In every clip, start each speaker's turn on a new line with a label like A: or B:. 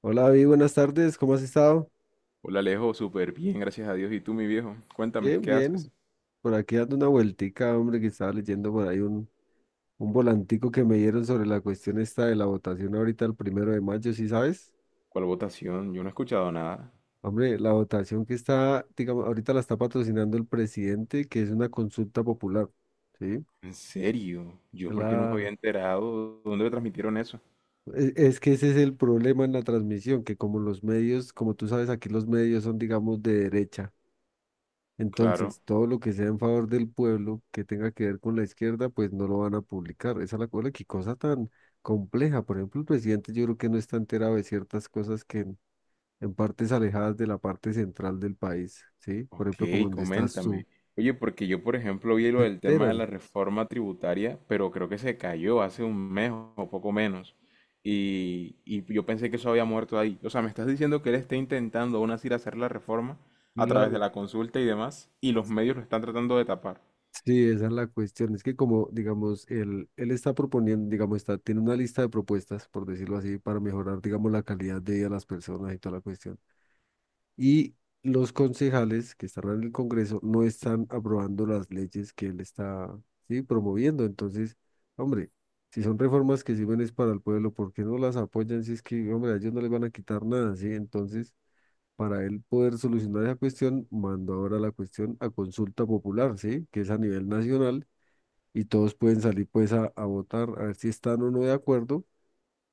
A: Hola, David, buenas tardes, ¿cómo has estado?
B: Hola Alejo, súper bien, gracias a Dios. ¿Y tú, mi viejo? Cuéntame,
A: Bien,
B: ¿qué haces?
A: bien. Por aquí dando una vueltica, hombre, que estaba leyendo por ahí un volantico que me dieron sobre la cuestión esta de la votación ahorita el 1 de mayo, ¿sí sabes?
B: ¿Cuál votación? Yo no he escuchado nada.
A: Hombre, la votación que está, digamos, ahorita la está patrocinando el presidente, que es una consulta popular, ¿sí?
B: ¿En serio? ¿Yo por qué no me había
A: Claro.
B: enterado? ¿Dónde me transmitieron eso?
A: Es que ese es el problema en la transmisión, que como los medios, como tú sabes, aquí los medios son, digamos, de derecha.
B: Claro.
A: Entonces, todo lo que sea en favor del pueblo que tenga que ver con la izquierda, pues no lo van a publicar. Esa es la cosa, qué cosa tan compleja. Por ejemplo, el presidente yo creo que no está enterado de ciertas cosas que en partes alejadas de la parte central del país, ¿sí? Por
B: Ok,
A: ejemplo, como donde estás tú,
B: coméntame. Oye, porque yo, por ejemplo, vi
A: se
B: lo del tema de
A: enteran.
B: la reforma tributaria, pero creo que se cayó hace un mes o poco menos. Y yo pensé que eso había muerto ahí. O sea, me estás diciendo que él está intentando aún así hacer la reforma a través de
A: Claro.
B: la consulta y demás, y los medios lo están tratando de tapar.
A: Sí, esa es la cuestión. Es que como, digamos, él está proponiendo, digamos, tiene una lista de propuestas, por decirlo así, para mejorar, digamos, la calidad de vida de las personas y toda la cuestión. Y los concejales que están en el Congreso no están aprobando las leyes que él está, sí, promoviendo. Entonces, hombre, si son reformas que sirven es para el pueblo, ¿por qué no las apoyan? Si es que, hombre, a ellos no les van a quitar nada, ¿sí? Entonces, para él poder solucionar esa cuestión, mando ahora la cuestión a consulta popular, ¿sí? Que es a nivel nacional y todos pueden salir pues a votar a ver si están o no de acuerdo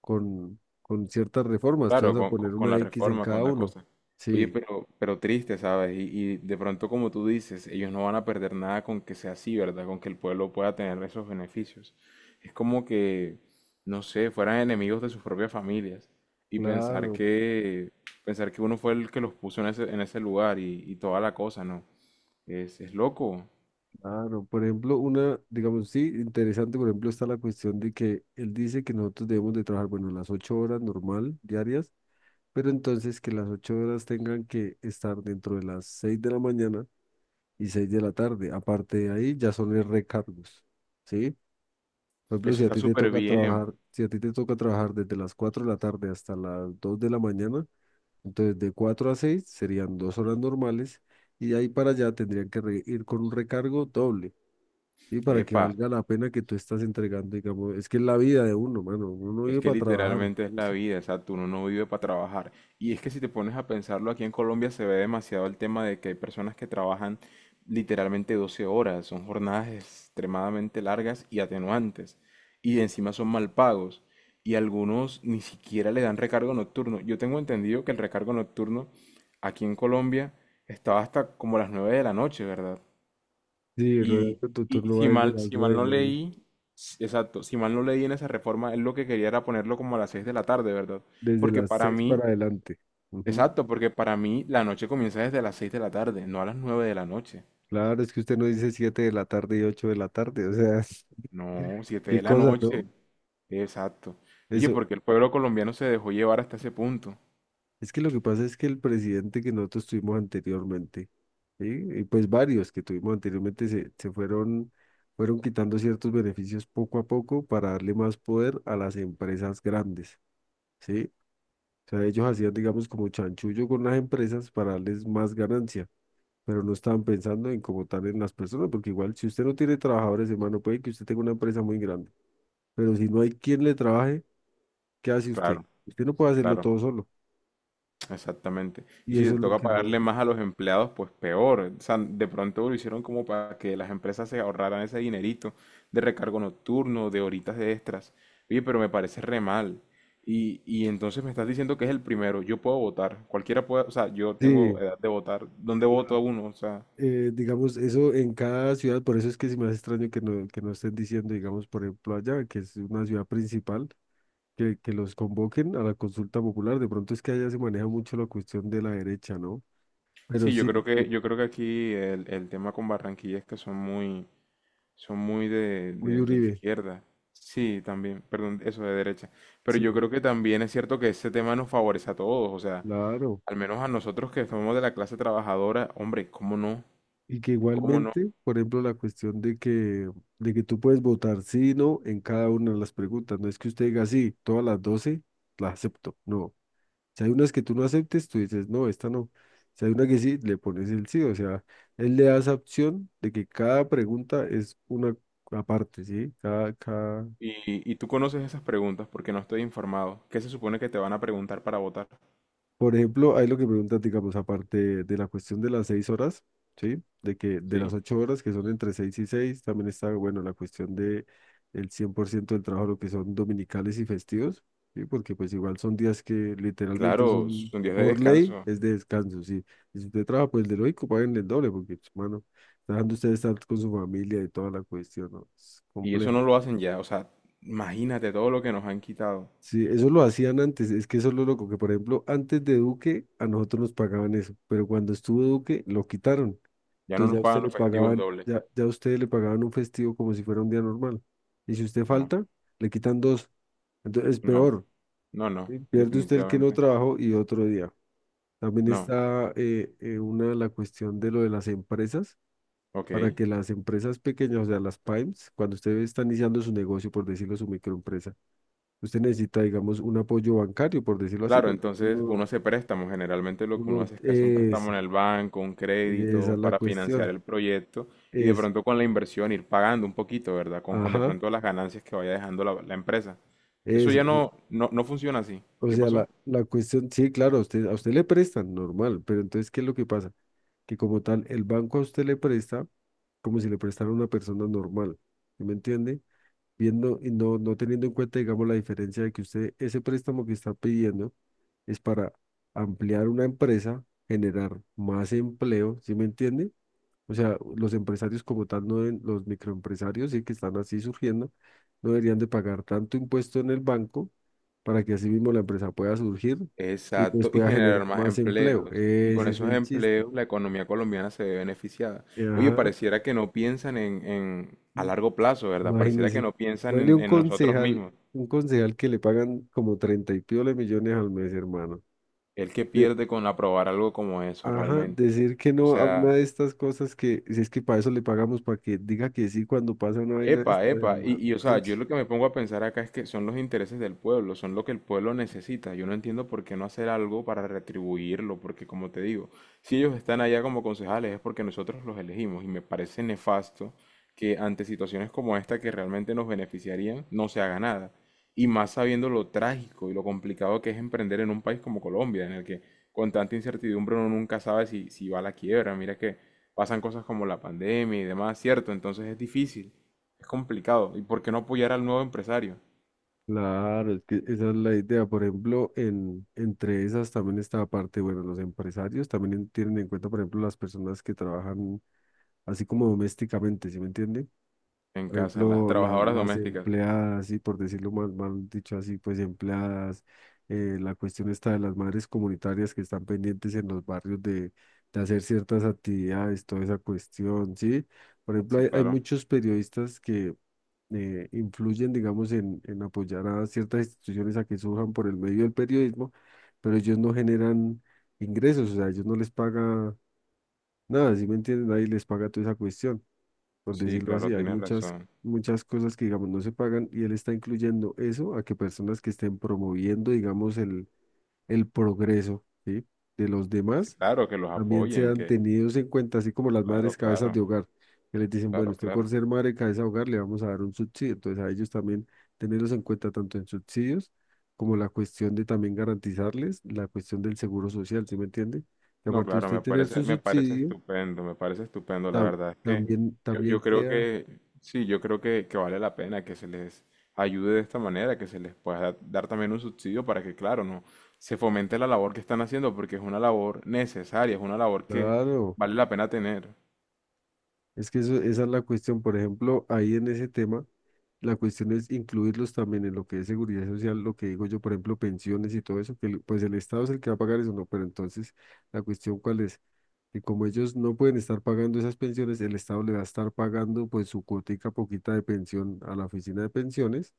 A: con ciertas reformas. Tú
B: Claro,
A: vas a
B: con,
A: poner
B: con- con
A: una
B: la
A: X en
B: reforma, con
A: cada
B: la
A: uno.
B: cosa. Oye,
A: Sí.
B: pero triste, ¿sabes? Y de pronto, como tú dices, ellos no van a perder nada con que sea así, ¿verdad? Con que el pueblo pueda tener esos beneficios. Es como que, no sé, fueran enemigos de sus propias familias. Y
A: Claro,
B: pensar que uno fue el que los puso en ese lugar y toda la cosa, ¿no? Es loco.
A: claro, por ejemplo, una, digamos, sí, interesante, por ejemplo, está la cuestión de que él dice que nosotros debemos de trabajar, bueno, las 8 horas normal, diarias, pero entonces que las 8 horas tengan que estar dentro de las 6 de la mañana y 6 de la tarde. Aparte de ahí, ya son los recargos, ¿sí? Por ejemplo,
B: Eso
A: si a
B: está
A: ti te
B: súper
A: toca
B: bien.
A: trabajar, si a ti te toca trabajar desde las 4 de la tarde hasta las 2 de la mañana, entonces de 4 a 6 serían 2 horas normales y de ahí para allá tendrían que ir con un recargo doble. Sí, para que
B: Epa.
A: valga la pena que tú estás entregando, digamos, es que es la vida de uno, mano, uno
B: Es
A: vive
B: que
A: para trabajar.
B: literalmente es la vida, exacto, uno no vive para trabajar. Y es que si te pones a pensarlo, aquí en Colombia se ve demasiado el tema de que hay personas que trabajan literalmente 12 horas, son jornadas extremadamente largas y atenuantes, y encima son mal pagos, y algunos ni siquiera le dan recargo nocturno. Yo tengo entendido que el recargo nocturno aquí en Colombia estaba hasta como las 9 de la noche, ¿verdad?
A: Sí, el
B: Y,
A: horario de tu
B: y
A: turno va
B: si
A: desde
B: mal,
A: las
B: si mal
A: 9,
B: no
A: man,
B: leí, exacto, si mal no leí en esa reforma, él lo que quería era ponerlo como a las 6 de la tarde, ¿verdad?
A: desde
B: Porque
A: las
B: para
A: 6 para
B: mí,
A: adelante. Ujú.
B: exacto, porque para mí la noche comienza desde las 6 de la tarde, no a las 9 de la noche.
A: Claro, es que usted no dice 7 de la tarde y 8 de la tarde, o sea,
B: No, 7
A: qué
B: de la
A: cosa,
B: noche,
A: ¿no?
B: exacto. Oye,
A: Eso,
B: porque el pueblo colombiano se dejó llevar hasta ese punto.
A: es que lo que pasa es que el presidente que nosotros tuvimos anteriormente, ¿sí? Y pues varios que tuvimos anteriormente se fueron quitando ciertos beneficios poco a poco para darle más poder a las empresas grandes. ¿Sí? Sea, ellos hacían, digamos, como chanchullo con las empresas para darles más ganancia, pero no estaban pensando en como tal en las personas, porque igual si usted no tiene trabajadores, hermano, puede que usted tenga una empresa muy grande, pero si no hay quien le trabaje, ¿qué hace usted?
B: Claro,
A: Usted no puede hacerlo
B: claro.
A: todo solo.
B: Exactamente. Y
A: Y
B: si
A: eso
B: te
A: es lo
B: toca
A: que
B: pagarle
A: no...
B: más a los empleados, pues peor. O sea, de pronto lo hicieron como para que las empresas se ahorraran ese dinerito de recargo nocturno, de horitas de extras. Oye, pero me parece re mal. Y entonces me estás diciendo que es el primero. Yo puedo votar. Cualquiera puede, o sea, yo tengo
A: Sí,
B: edad de votar. ¿Dónde voto a
A: claro.
B: uno? O sea,
A: Digamos, eso en cada ciudad, por eso es que se me hace extraño que no, estén diciendo, digamos, por ejemplo, allá, que es una ciudad principal. Que los convoquen a la consulta popular, de pronto es que allá se maneja mucho la cuestión de la derecha, ¿no? Pero
B: sí, yo
A: sí,
B: creo que, yo creo que aquí el tema con Barranquilla es que son muy, son muy de,
A: muy de
B: de
A: Uribe,
B: izquierda. Sí, también, perdón, eso de derecha. Pero yo
A: sí,
B: creo que también es cierto que ese tema nos favorece a todos, o sea,
A: claro.
B: al menos a nosotros que somos de la clase trabajadora, hombre, ¿cómo no?
A: Y que
B: ¿Cómo no?
A: igualmente, por ejemplo, la cuestión de que tú puedes votar sí y no en cada una de las preguntas. No es que usted diga sí, todas las 12 las acepto. No. Si hay unas que tú no aceptes, tú dices no, esta no. Si hay una que sí, le pones el sí. O sea, él le da esa opción de que cada pregunta es una aparte, ¿sí?
B: Y tú conoces esas preguntas porque no estoy informado. ¿Qué se supone que te van a preguntar para votar?
A: Por ejemplo, hay lo que preguntas, digamos, aparte de la cuestión de las 6 horas, ¿sí? De que de
B: ¿Sí?
A: las 8 horas, que son entre 6 y 6, también está, bueno, la cuestión de el 100% del trabajo, lo que son dominicales y festivos, ¿sí? Porque pues igual son días que literalmente
B: Claro,
A: son,
B: son días de
A: por ley,
B: descanso.
A: es de descanso, ¿sí? Y si usted trabaja, pues de lógico, paguen el doble, porque, pues, mano, dejando usted estar con su familia y toda la cuestión, ¿no? Es
B: Y eso
A: complejo.
B: no lo hacen ya, o sea, imagínate todo lo que nos han quitado.
A: Sí, eso lo hacían antes, es que eso es lo loco, que por ejemplo, antes de Duque a nosotros nos pagaban eso, pero cuando estuvo Duque lo quitaron.
B: Ya no
A: Entonces
B: nos pagan los festivos dobles.
A: ya a usted le pagaban un festivo como si fuera un día normal. Y si usted
B: No,
A: falta, le quitan dos. Entonces es
B: no,
A: peor,
B: no, no,
A: ¿sí? Pierde usted el que no
B: definitivamente.
A: trabajó y otro día. También
B: No.
A: está una la cuestión de lo de las empresas,
B: Ok,
A: para que las empresas pequeñas, o sea, las PYMEs, cuando usted está iniciando su negocio, por decirlo, su microempresa, usted necesita, digamos, un apoyo bancario, por decirlo así,
B: claro,
A: porque
B: entonces
A: uno,
B: uno hace préstamos. Generalmente lo que uno
A: uno
B: hace es que hace un préstamo
A: es,
B: en el banco, un
A: esa es
B: crédito
A: la
B: para financiar
A: cuestión,
B: el proyecto y de
A: es,
B: pronto con la inversión ir pagando un poquito, ¿verdad? Con de
A: ajá,
B: pronto las ganancias que vaya dejando la empresa. Eso
A: eso,
B: ya no, no, no funciona así.
A: o
B: ¿Qué
A: sea,
B: pasó?
A: la cuestión, sí, claro, a usted le prestan, normal, pero entonces, ¿qué es lo que pasa? Que como tal, el banco a usted le presta como si le prestara a una persona normal, ¿sí me entiende? Viendo y no teniendo en cuenta, digamos, la diferencia de que usted, ese préstamo que está pidiendo es para ampliar una empresa, generar más empleo, ¿sí me entiende? O sea, los empresarios como tal, no deben- los microempresarios, sí que están así surgiendo, no deberían de pagar tanto impuesto en el banco para que así mismo la empresa pueda surgir y pues
B: Exacto, y
A: pueda
B: generar
A: generar
B: más
A: más empleo.
B: empleos. Y con
A: Ese es
B: esos
A: el chiste.
B: empleos la economía colombiana se ve beneficiada. Oye,
A: Ajá,
B: pareciera que no piensan en- a
A: mm,
B: largo plazo, ¿verdad? Pareciera que
A: imagínese.
B: no piensan
A: Bueno, un
B: en nosotros
A: concejal,
B: mismos.
A: un concejal que le pagan como 30 y piola millones al mes, hermano.
B: El que
A: De,
B: pierde con aprobar algo como eso
A: ajá,
B: realmente.
A: decir que
B: O
A: no a
B: sea,
A: una de estas cosas que, si es que para eso le pagamos, para que diga que sí cuando pasa una vaina de
B: epa,
A: esta,
B: epa. Y,
A: hermano.
B: y, o sea, yo lo que me pongo a pensar acá es que son los intereses del pueblo, son lo que el pueblo necesita. Yo no entiendo por qué no hacer algo para retribuirlo, porque como te digo, si ellos están allá como concejales es porque nosotros los elegimos y me parece nefasto que ante situaciones como esta que realmente nos beneficiarían no se haga nada. Y más sabiendo lo trágico y lo complicado que es emprender en un país como Colombia, en el que con tanta incertidumbre uno nunca sabe si va a la quiebra. Mira que pasan cosas como la pandemia y demás, ¿cierto? Entonces es difícil. Es complicado. ¿Y por qué no apoyar al nuevo empresario
A: Claro, es que esa es la idea. Por ejemplo, entre esas también está la parte, bueno, los empresarios también tienen en cuenta, por ejemplo, las personas que trabajan así como domésticamente, ¿sí me entiende?
B: en
A: Por
B: casa, las
A: ejemplo,
B: trabajadoras
A: las
B: domésticas?
A: empleadas, y por decirlo mal, mal dicho así, pues empleadas, la cuestión está de las madres comunitarias que están pendientes en los barrios de hacer ciertas actividades, toda esa cuestión, ¿sí? Por ejemplo,
B: Sí,
A: hay
B: claro.
A: muchos periodistas que influyen, digamos, en, apoyar a ciertas instituciones a que surjan por el medio del periodismo, pero ellos no generan ingresos, o sea, ellos no les paga nada, ¿sí me entienden? Nadie les paga toda esa cuestión, por
B: Sí,
A: decirlo
B: claro,
A: así. Hay
B: tienes
A: muchas,
B: razón.
A: muchas cosas que, digamos, no se pagan y él está incluyendo eso a que personas que estén promoviendo, digamos, el progreso, ¿sí? de los
B: Sí,
A: demás
B: claro, que los
A: también
B: apoyen,
A: sean
B: que...
A: tenidos en cuenta, así como las madres
B: Claro,
A: cabezas
B: claro,
A: de hogar, que les dicen, bueno,
B: claro,
A: usted por
B: claro.
A: ser madre cabeza de hogar le vamos a dar un subsidio, entonces a ellos también tenerlos en cuenta tanto en subsidios como la cuestión de también garantizarles la cuestión del seguro social, ¿sí me entiende? Que
B: No,
A: aparte de
B: claro,
A: usted tener su
B: me parece
A: subsidio,
B: estupendo, me parece estupendo. La
A: tam-
B: verdad es que
A: también,
B: yo,
A: también
B: yo creo
A: queda,
B: que, sí, yo creo que vale la pena que se les ayude de esta manera, que se les pueda dar, dar también un subsidio para que, claro, no se fomente la labor que están haciendo, porque es una labor necesaria, es una labor que
A: claro,
B: vale la pena tener.
A: es que eso, esa es la cuestión, por ejemplo, ahí en ese tema. La cuestión es incluirlos también en lo que es seguridad social, lo que digo yo, por ejemplo, pensiones y todo eso, que pues el Estado es el que va a pagar eso, no, pero entonces la cuestión cuál es, que como ellos no pueden estar pagando esas pensiones, el Estado le va a estar pagando pues su cuotica poquita de pensión a la oficina de pensiones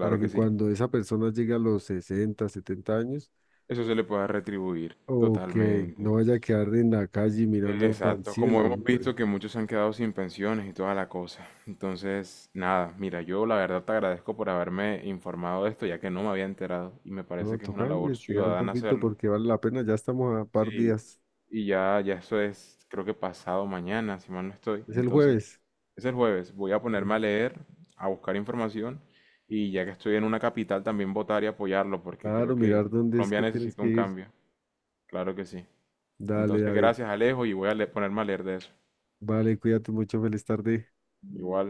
A: para
B: que
A: que
B: sí.
A: cuando esa persona llegue a los 60 o 70 años,
B: Eso se le puede retribuir
A: o que
B: totalmente.
A: no vaya a quedar en la calle mirando para el
B: Exacto, como
A: cielo,
B: hemos
A: hombre.
B: visto que muchos se han quedado sin pensiones y toda la cosa. Entonces, nada, mira, yo la verdad te agradezco por haberme informado de esto, ya que no me había enterado y me
A: No,
B: parece que es una
A: toca
B: labor
A: investigar un
B: ciudadana
A: poquito
B: hacerlo.
A: porque vale la pena, ya estamos a par
B: Sí,
A: días,
B: y ya, ya eso es, creo que pasado mañana, si mal no estoy.
A: es el
B: Entonces,
A: jueves.
B: es el jueves, voy a
A: ¿Sí?
B: ponerme a leer, a buscar información y ya que estoy en una capital también votar y apoyarlo, porque
A: Claro,
B: creo que
A: mirar dónde es
B: Colombia
A: que tienes
B: necesita
A: que
B: un
A: ir.
B: cambio. Claro que sí.
A: Dale,
B: Entonces,
A: David.
B: gracias Alejo y voy a ponerme a leer de eso.
A: Vale, cuídate mucho, feliz tarde.
B: Igual,